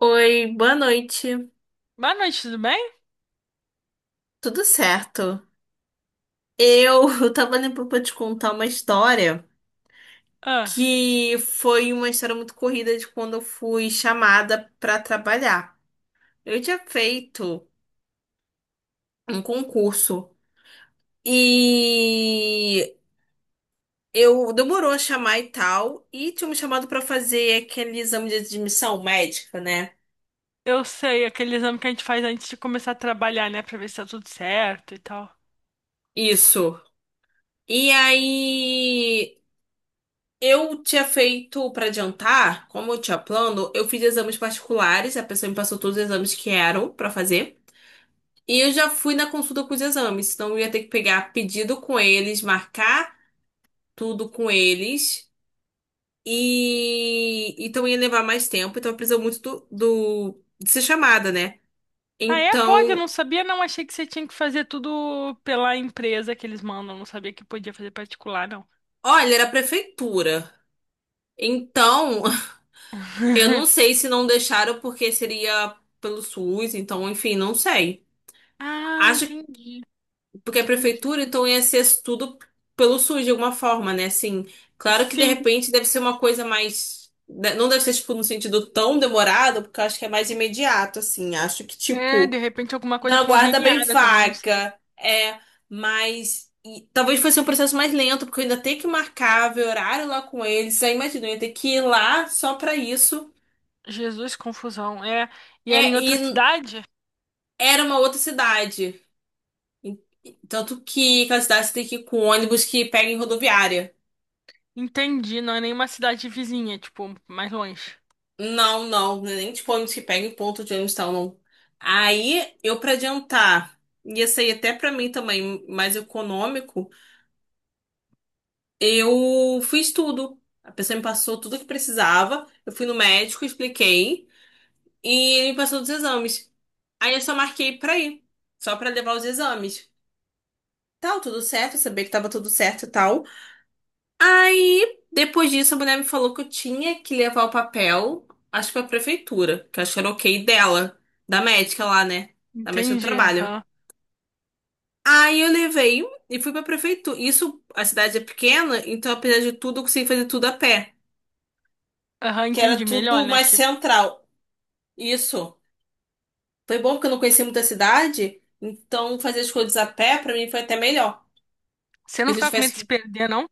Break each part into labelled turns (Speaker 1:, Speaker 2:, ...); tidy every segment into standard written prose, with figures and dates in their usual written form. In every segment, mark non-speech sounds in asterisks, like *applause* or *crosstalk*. Speaker 1: Oi, boa noite.
Speaker 2: Boa noite, tudo bem?
Speaker 1: Tudo certo? Eu *laughs* tava lembrando pra te contar uma história
Speaker 2: Ah,
Speaker 1: que foi uma história muito corrida de quando eu fui chamada pra trabalhar. Eu tinha feito um concurso e eu demorou a chamar e tal, e tinha me chamado pra fazer aquele exame de admissão médica, né?
Speaker 2: eu sei, aquele exame que a gente faz antes de começar a trabalhar, né? Pra ver se tá tudo certo e tal.
Speaker 1: Isso. E aí eu tinha feito para adiantar, como eu tinha plano, eu fiz exames particulares, a pessoa me passou todos os exames que eram para fazer. E eu já fui na consulta com os exames, então eu ia ter que pegar pedido com eles, marcar tudo com eles. E então ia levar mais tempo, então eu precisava muito de ser chamada, né?
Speaker 2: Ah, é? Pode, eu
Speaker 1: Então,
Speaker 2: não sabia, não. Achei que você tinha que fazer tudo pela empresa que eles mandam. Não sabia que podia fazer particular, não.
Speaker 1: olha, era a prefeitura. Então, *laughs* eu não
Speaker 2: *laughs*
Speaker 1: sei se não deixaram porque seria pelo SUS, então, enfim, não sei.
Speaker 2: Ah,
Speaker 1: Acho
Speaker 2: entendi.
Speaker 1: Porque a
Speaker 2: Entendi.
Speaker 1: prefeitura, então, ia ser tudo pelo SUS, de alguma forma, né? Assim, claro que de
Speaker 2: Sim.
Speaker 1: repente deve ser uma coisa mais. Não deve ser, tipo, no sentido tão demorado, porque eu acho que é mais imediato, assim. Acho que,
Speaker 2: É, de
Speaker 1: tipo,
Speaker 2: repente alguma
Speaker 1: não
Speaker 2: coisa
Speaker 1: aguarda bem
Speaker 2: conveniada também, não sei.
Speaker 1: vaca. É, mas. E talvez fosse um processo mais lento, porque eu ainda tenho que marcar, ver horário lá com eles. Aí imagina, eu ia ter que ir lá só pra isso.
Speaker 2: Jesus, confusão. É, e
Speaker 1: É,
Speaker 2: era em outra
Speaker 1: e
Speaker 2: cidade?
Speaker 1: era uma outra cidade. E- Tanto que aquela cidade você tem que ir com ônibus que pega em rodoviária.
Speaker 2: Entendi, não é nenhuma cidade vizinha, tipo, mais longe.
Speaker 1: Não, não, nem tipo ônibus que pega em ponto de ônibus e tal, não. Aí, eu pra adiantar, ia sair até pra mim também mais econômico, eu fiz tudo. A pessoa me passou tudo que precisava, eu fui no médico, expliquei, e ele me passou dos exames. Aí eu só marquei pra ir, só pra levar os exames. Tal, tudo certo, eu sabia que tava tudo certo e tal. Aí, depois disso, a mulher me falou que eu tinha que levar o papel, acho que pra prefeitura, que acho que era ok dela, da médica lá, né? Da médica do
Speaker 2: Entendi,
Speaker 1: trabalho.
Speaker 2: aham.
Speaker 1: Aí eu levei e fui pra prefeitura. Isso, a cidade é pequena, então apesar de tudo, eu consegui fazer tudo a pé,
Speaker 2: Aham,
Speaker 1: que era
Speaker 2: entendi. Melhor,
Speaker 1: tudo
Speaker 2: né?
Speaker 1: mais
Speaker 2: Que
Speaker 1: central. Isso. Foi bom porque eu não conhecia muita cidade, então fazer as coisas a pé pra mim foi até melhor.
Speaker 2: você
Speaker 1: Porque
Speaker 2: não
Speaker 1: se eu
Speaker 2: ficava com medo de
Speaker 1: tivesse.
Speaker 2: se
Speaker 1: Que-
Speaker 2: perder, não?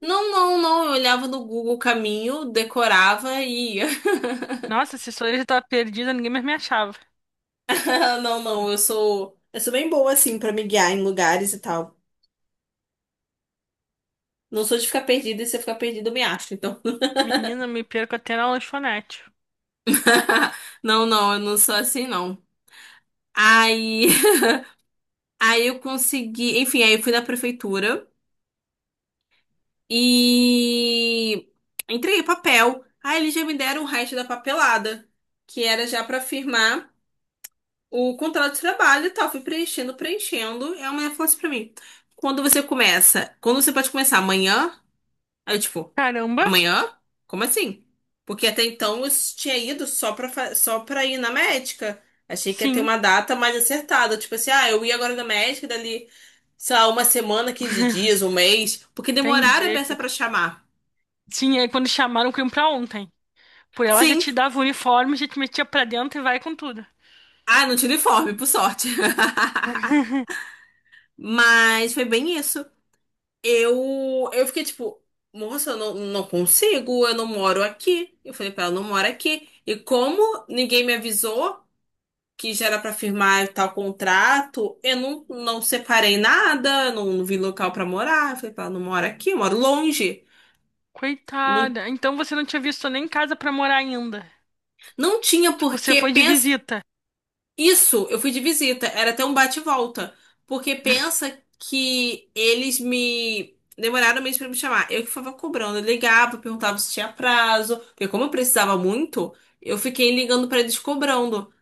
Speaker 1: Não, não, não. Eu olhava no Google o caminho, decorava e ia.
Speaker 2: Nossa, se sou eu já tava perdida, ninguém mais me achava.
Speaker 1: *laughs* Não, não, Eu sou bem boa, assim, pra me guiar em lugares e tal. Não sou de ficar perdida, e se eu ficar perdida, eu me acho, então.
Speaker 2: Menina, me perco até na lanchonete.
Speaker 1: *laughs* Não, não, eu não sou assim, não. Aí. *laughs* Aí eu consegui. Enfim, aí eu fui na prefeitura e. Entreguei papel. Aí eles já me deram o resto da papelada, que era já pra firmar o contrato de trabalho e tal. Fui preenchendo, preenchendo. E a mulher falou assim pra mim: quando você começa? Quando você pode começar? Amanhã? Aí eu, tipo,
Speaker 2: Caramba,
Speaker 1: amanhã? Como assim? Porque até então eu tinha ido só só pra ir na médica. Achei que ia ter
Speaker 2: sim.
Speaker 1: uma data mais acertada. Tipo assim, ah, eu ia agora na médica, dali, sei lá, uma semana, 15 dias,
Speaker 2: *laughs*
Speaker 1: um mês. Porque demoraram a
Speaker 2: Entendi.
Speaker 1: beça pra chamar.
Speaker 2: Sim, aí quando chamaram, eu pra ontem. Por ela já
Speaker 1: Sim.
Speaker 2: te dava o uniforme, já te metia pra dentro e vai com tudo.
Speaker 1: Ah, não tinha uniforme, por sorte. *laughs* Mas foi bem isso. Eu fiquei tipo, moça, eu não consigo, eu não moro aqui. Eu falei pra ela, eu não moro aqui. E como ninguém me avisou que já era pra firmar tal contrato, eu não separei nada, não vi local pra morar. Eu falei, pá, não moro aqui, eu moro longe. Não,
Speaker 2: Coitada. Então você não tinha visto nem casa pra morar ainda.
Speaker 1: não tinha
Speaker 2: Tipo, você
Speaker 1: porque
Speaker 2: foi de
Speaker 1: pensa
Speaker 2: visita.
Speaker 1: isso, eu fui de visita, era até um bate e volta, porque pensa que eles me demoraram mesmo pra me chamar. Eu que ficava cobrando, eu ligava, perguntava se tinha prazo, porque como eu precisava muito, eu fiquei ligando pra eles cobrando.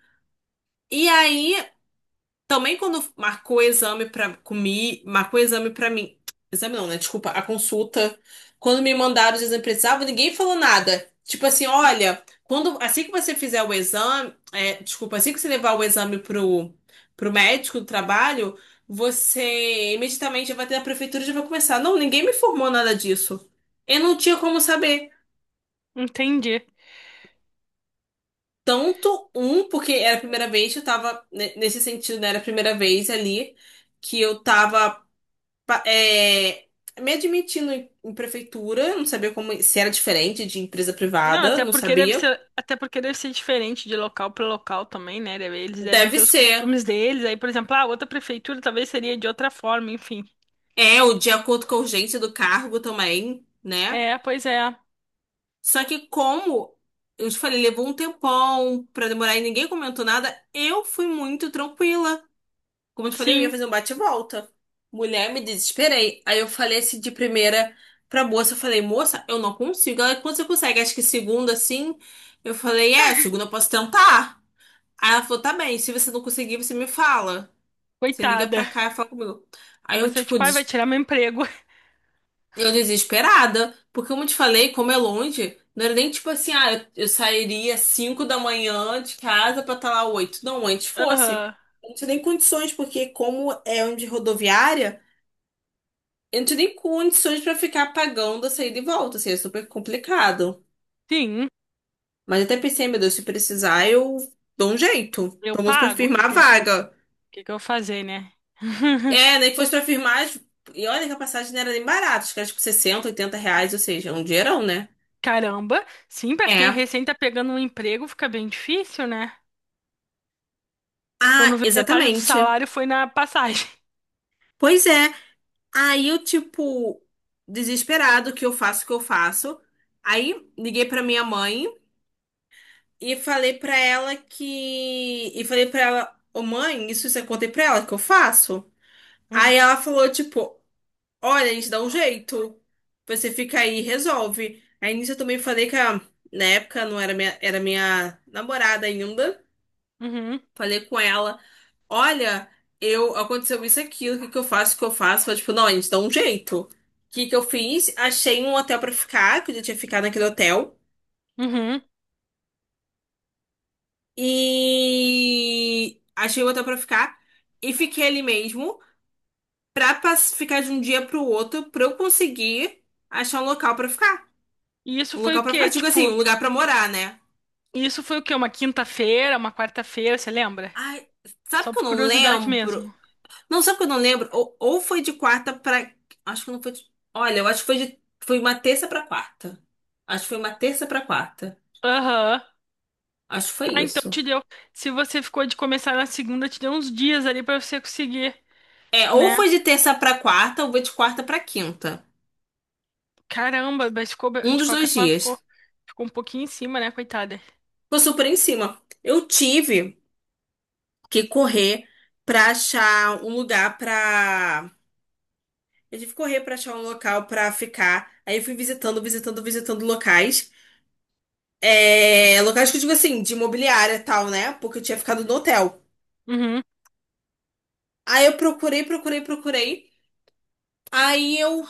Speaker 1: E aí também quando marcou o exame pra comi, marcou o exame pra mim. Exame não, né? Desculpa, a consulta. Quando me mandaram os exames que precisava, ninguém falou nada. Tipo assim, olha, quando assim que você fizer o exame, é, desculpa, assim que você levar o exame pro médico do trabalho, você imediatamente já vai ter a prefeitura e já vai começar. Não, ninguém me informou nada disso. Eu não tinha como saber.
Speaker 2: Entendi.
Speaker 1: Tanto um, porque era a primeira vez, eu tava nesse sentido, né? Era a primeira vez ali que eu tava pa- é, me admitindo em prefeitura, não sabia como se era diferente de empresa
Speaker 2: Não,
Speaker 1: privada,
Speaker 2: até
Speaker 1: não
Speaker 2: porque deve
Speaker 1: sabia.
Speaker 2: ser, até porque deve ser diferente de local para local também, né? Eles devem
Speaker 1: Deve
Speaker 2: ter os
Speaker 1: ser.
Speaker 2: costumes deles. Aí, por exemplo, a outra prefeitura talvez seria de outra forma, enfim.
Speaker 1: É, o de acordo com a urgência do cargo também, né?
Speaker 2: É, pois é.
Speaker 1: Só que como eu te falei, levou um tempão pra demorar e ninguém comentou nada, eu fui muito tranquila. Como eu te falei, eu ia
Speaker 2: Sim,
Speaker 1: fazer um bate-volta. Mulher, me desesperei. Aí eu falei assim de primeira pra moça, eu falei, moça, eu não consigo. Ela, quando você consegue? Acho que segunda, assim. Eu falei, é, segunda eu posso tentar. Aí ela falou, tá bem, se você não conseguir, você me fala. Você liga
Speaker 2: coitada.
Speaker 1: pra cá e fala comigo. Aí eu,
Speaker 2: Você,
Speaker 1: tipo,
Speaker 2: tipo, ai, vai tirar meu emprego. *laughs*
Speaker 1: eu desesperada, porque como eu te falei, como é longe, não era nem tipo assim, ah, eu sairia 5 da manhã de casa pra estar lá 8. Não, antes fosse.
Speaker 2: Aham.
Speaker 1: Eu não tinha nem condições, porque como é onde é rodoviária, eu não tinha nem condições pra ficar pagando a saída e volta, assim, é super complicado.
Speaker 2: Sim,
Speaker 1: Mas eu até pensei, meu Deus, se precisar, eu dou um jeito.
Speaker 2: eu
Speaker 1: Pelo menos pra
Speaker 2: pago.
Speaker 1: firmar a vaga.
Speaker 2: Que eu vou fazer, né? *laughs*
Speaker 1: É, nem que fosse pra firmar. E olha que a passagem não era nem barata, acho que era tipo 60, 80 reais, ou seja, um dinheirão, né?
Speaker 2: Caramba. Sim, pra quem
Speaker 1: É.
Speaker 2: recém tá pegando um emprego, fica bem difícil, né? Quando
Speaker 1: Ah,
Speaker 2: vê metade do
Speaker 1: exatamente.
Speaker 2: salário foi na passagem.
Speaker 1: Pois é. Aí eu, tipo, desesperado, o que eu faço, o que eu faço. Aí liguei pra minha mãe e falei pra ela que. E falei pra ela, ô mãe, isso você contei pra ela que eu faço? Aí
Speaker 2: *laughs*
Speaker 1: ela falou, tipo, olha, a gente dá um jeito. Você fica aí e resolve. Aí nisso eu também falei que a, na época não era minha, era minha namorada ainda.
Speaker 2: Uhum,
Speaker 1: Falei com ela, olha, eu aconteceu isso e aquilo, o que que eu faço, o que eu faço? Falei, tipo, não, a gente dá um jeito. O que que eu fiz? Achei um hotel pra ficar, que eu já tinha ficado naquele hotel.
Speaker 2: uhum.
Speaker 1: E achei um hotel pra ficar e fiquei ali mesmo ficar de um dia pro outro pra eu conseguir achar um local pra ficar.
Speaker 2: E isso
Speaker 1: Um
Speaker 2: foi
Speaker 1: local
Speaker 2: o
Speaker 1: pra ficar,
Speaker 2: quê?
Speaker 1: digo assim,
Speaker 2: Tipo,
Speaker 1: um lugar pra morar, né?
Speaker 2: e isso foi o quê? Uma quinta-feira, uma quarta-feira, você lembra?
Speaker 1: Ai, sabe
Speaker 2: Só
Speaker 1: que eu
Speaker 2: por
Speaker 1: não
Speaker 2: curiosidade
Speaker 1: lembro?
Speaker 2: mesmo.
Speaker 1: Não, sabe que eu não lembro? Ou foi de quarta pra. Acho que não foi de. Olha, eu acho que foi de. Foi uma terça pra quarta. Acho que foi uma terça pra quarta.
Speaker 2: Aham.
Speaker 1: Acho que foi
Speaker 2: Ah, então
Speaker 1: isso.
Speaker 2: te deu. Se você ficou de começar na segunda, te deu uns dias ali pra você conseguir,
Speaker 1: É, ou
Speaker 2: né?
Speaker 1: foi de terça pra quarta, ou foi de quarta pra quinta.
Speaker 2: Caramba, mas ficou,
Speaker 1: Um
Speaker 2: de
Speaker 1: dos
Speaker 2: qualquer
Speaker 1: dois
Speaker 2: forma,
Speaker 1: dias.
Speaker 2: ficou um pouquinho em cima, né, coitada?
Speaker 1: Ficou super em cima. Eu tive que correr pra achar um lugar pra. Eu tive que correr pra achar um local pra ficar. Aí eu fui visitando, visitando, visitando locais. É, locais que eu digo assim, de imobiliária e tal, né? Porque eu tinha ficado no hotel.
Speaker 2: Uhum.
Speaker 1: Aí eu procurei, procurei, procurei. Aí eu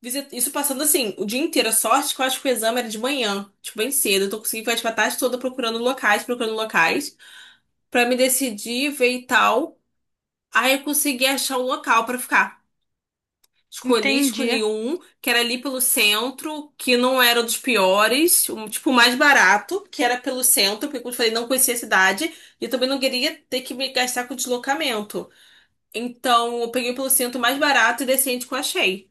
Speaker 1: visitei, isso passando assim, o dia inteiro. A sorte que eu acho que o exame era de manhã, tipo, bem cedo. Então, eu tô conseguindo ficar tipo, a tarde toda procurando locais, pra me decidir, ver e tal. Aí eu consegui achar um local pra ficar. Escolhi,
Speaker 2: Entendi.
Speaker 1: escolhi um que era ali pelo centro, que não era dos piores, um tipo mais barato, que era pelo centro, porque como eu falei, não conhecia a cidade e também não queria ter que me gastar com deslocamento. Então, eu peguei pelo centro mais barato e decente que eu achei.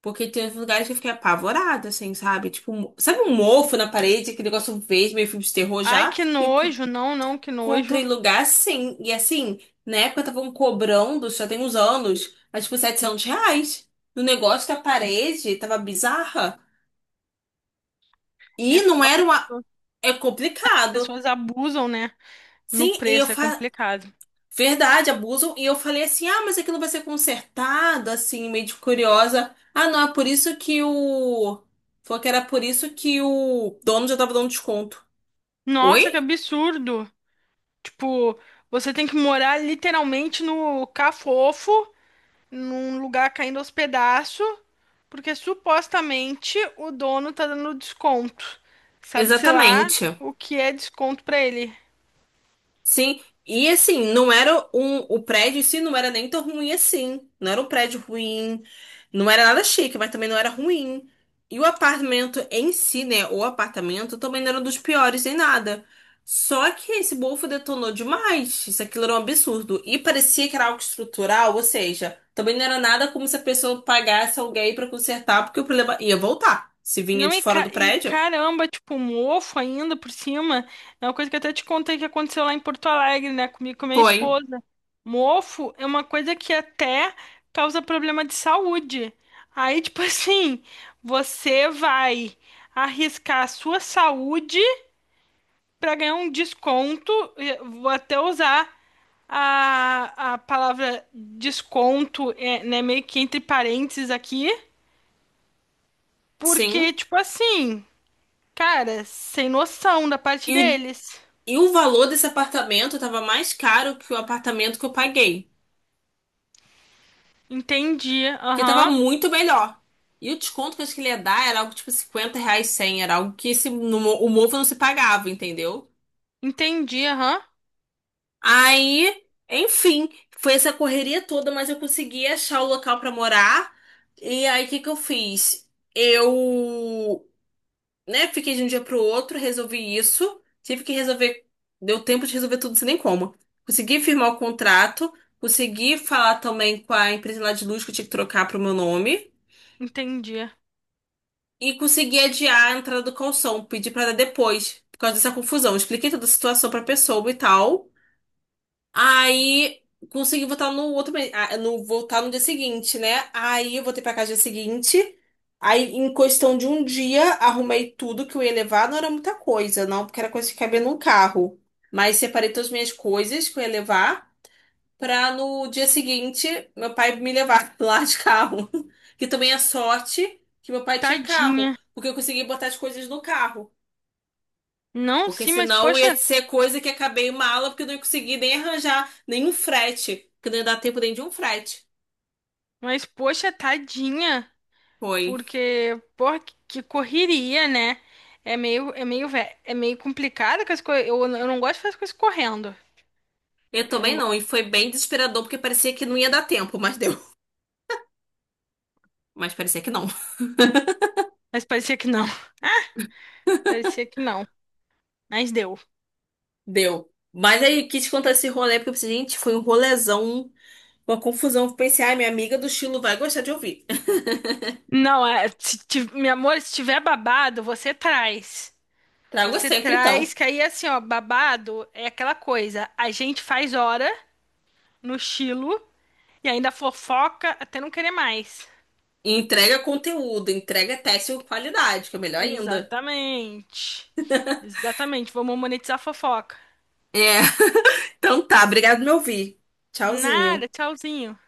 Speaker 1: Porque tem uns lugares que eu fiquei apavorada, assim, sabe? Tipo, sabe um mofo na parede, aquele negócio verde, meio filme de terror
Speaker 2: Ai,
Speaker 1: já?
Speaker 2: que nojo. Não, não, que
Speaker 1: Com
Speaker 2: nojo.
Speaker 1: lugar sim. E assim, na época estavam cobrando, já tem uns anos, acho que 700 reais. No negócio da parede, tava bizarra.
Speaker 2: É
Speaker 1: E não
Speaker 2: foda,
Speaker 1: era uma. É
Speaker 2: as
Speaker 1: complicado.
Speaker 2: pessoas abusam, né? No
Speaker 1: Sim, e eu
Speaker 2: preço, é
Speaker 1: fa...
Speaker 2: complicado.
Speaker 1: Verdade, abusam. E eu falei assim: ah, mas aquilo vai ser consertado, assim, meio de curiosa. Ah, não, é por isso que o. Falou que era por isso que o dono já tava dando desconto.
Speaker 2: Nossa, que
Speaker 1: Oi?
Speaker 2: absurdo. Tipo, você tem que morar literalmente no Cafofo num lugar caindo aos pedaços, porque supostamente o dono tá dando desconto. Sabe-se lá
Speaker 1: Exatamente.
Speaker 2: o que é desconto pra ele.
Speaker 1: Sim, e assim, não era um, o prédio em si não era nem tão ruim assim. Não era um prédio ruim, não era nada chique, mas também não era ruim. E o apartamento em si, né? O apartamento também não era um dos piores em nada. Só que esse bofo detonou demais. Isso aquilo era um absurdo. E parecia que era algo estrutural, ou seja, também não era nada como se a pessoa pagasse alguém pra consertar, porque o problema ia voltar. Se vinha
Speaker 2: Não,
Speaker 1: de fora do
Speaker 2: e
Speaker 1: prédio.
Speaker 2: caramba, tipo, um mofo ainda por cima. É uma coisa que eu até te contei que aconteceu lá em Porto Alegre, né? Comigo e com a minha
Speaker 1: Foi,
Speaker 2: esposa. Mofo é uma coisa que até causa problema de saúde. Aí, tipo, *laughs* assim, você vai arriscar a sua saúde para ganhar um desconto, vou até usar a palavra desconto, né, meio que entre parênteses aqui,
Speaker 1: sim.
Speaker 2: porque, tipo assim, cara, sem noção da parte
Speaker 1: E
Speaker 2: deles.
Speaker 1: E o valor desse apartamento estava mais caro que o apartamento que eu paguei,
Speaker 2: Entendi,
Speaker 1: que estava
Speaker 2: aham.
Speaker 1: muito melhor. E o desconto que eu acho que ele ia dar era algo tipo 50 reais, 100, era algo que esse, o Movo não se pagava, entendeu?
Speaker 2: Entendi, aham.
Speaker 1: Aí, enfim, foi essa correria toda, mas eu consegui achar o local para morar. E aí, o que que eu fiz? Eu Né? Fiquei de um dia pro outro, resolvi isso. Tive que resolver, deu tempo de resolver tudo, sem nem como. Consegui firmar o contrato, consegui falar também com a empresa lá de luz que eu tinha que trocar pro meu nome
Speaker 2: Entendi.
Speaker 1: e consegui adiar a entrada do calção, pedi pra dar depois, por causa dessa confusão. Expliquei toda a situação pra pessoa e tal. Aí consegui votar no outro mês, ah, no votar no dia seguinte, né? Aí eu voltei pra casa no dia seguinte. Aí, em questão de um dia, arrumei tudo que eu ia levar. Não era muita coisa, não, porque era coisa que cabia num carro. Mas separei todas as minhas coisas que eu ia levar pra no dia seguinte meu pai me levar *laughs* lá de carro. Que também é sorte que meu pai tinha carro,
Speaker 2: Tadinha.
Speaker 1: porque eu consegui botar as coisas no carro.
Speaker 2: Não,
Speaker 1: Porque
Speaker 2: sim,
Speaker 1: senão ia ser coisa que acabei uma aula porque eu não ia conseguir nem arranjar nenhum frete. Que não ia dar tempo nem de um frete.
Speaker 2: mas poxa, tadinha.
Speaker 1: Foi.
Speaker 2: Porque, porra, que correria, né? É meio complicado com as coisas. Eu não gosto de fazer as coisas correndo.
Speaker 1: Eu
Speaker 2: Eu
Speaker 1: também
Speaker 2: não
Speaker 1: não. E
Speaker 2: gosto.
Speaker 1: foi bem desesperador porque parecia que não ia dar tempo, mas deu. Mas parecia que não. *laughs*
Speaker 2: Mas parecia que não. Parecia que não. Mas deu.
Speaker 1: Deu. Mas aí quis contar esse rolê porque eu pensei, gente, foi um rolezão, uma confusão. Eu pensei, ai, minha amiga do estilo vai gostar de ouvir. *laughs*
Speaker 2: Não, é, se, ti- Meu amor, se tiver babado, você traz.
Speaker 1: Trago
Speaker 2: Você
Speaker 1: sempre então.
Speaker 2: traz, que aí assim, ó, babado é aquela coisa. A gente faz hora no estilo e ainda fofoca até não querer mais.
Speaker 1: Entrega conteúdo, entrega teste com qualidade, que é melhor ainda.
Speaker 2: Exatamente. Exatamente. Vamos monetizar a fofoca.
Speaker 1: É. *laughs* Então tá, obrigado por me ouvir. Tchauzinho.
Speaker 2: Nada, tchauzinho.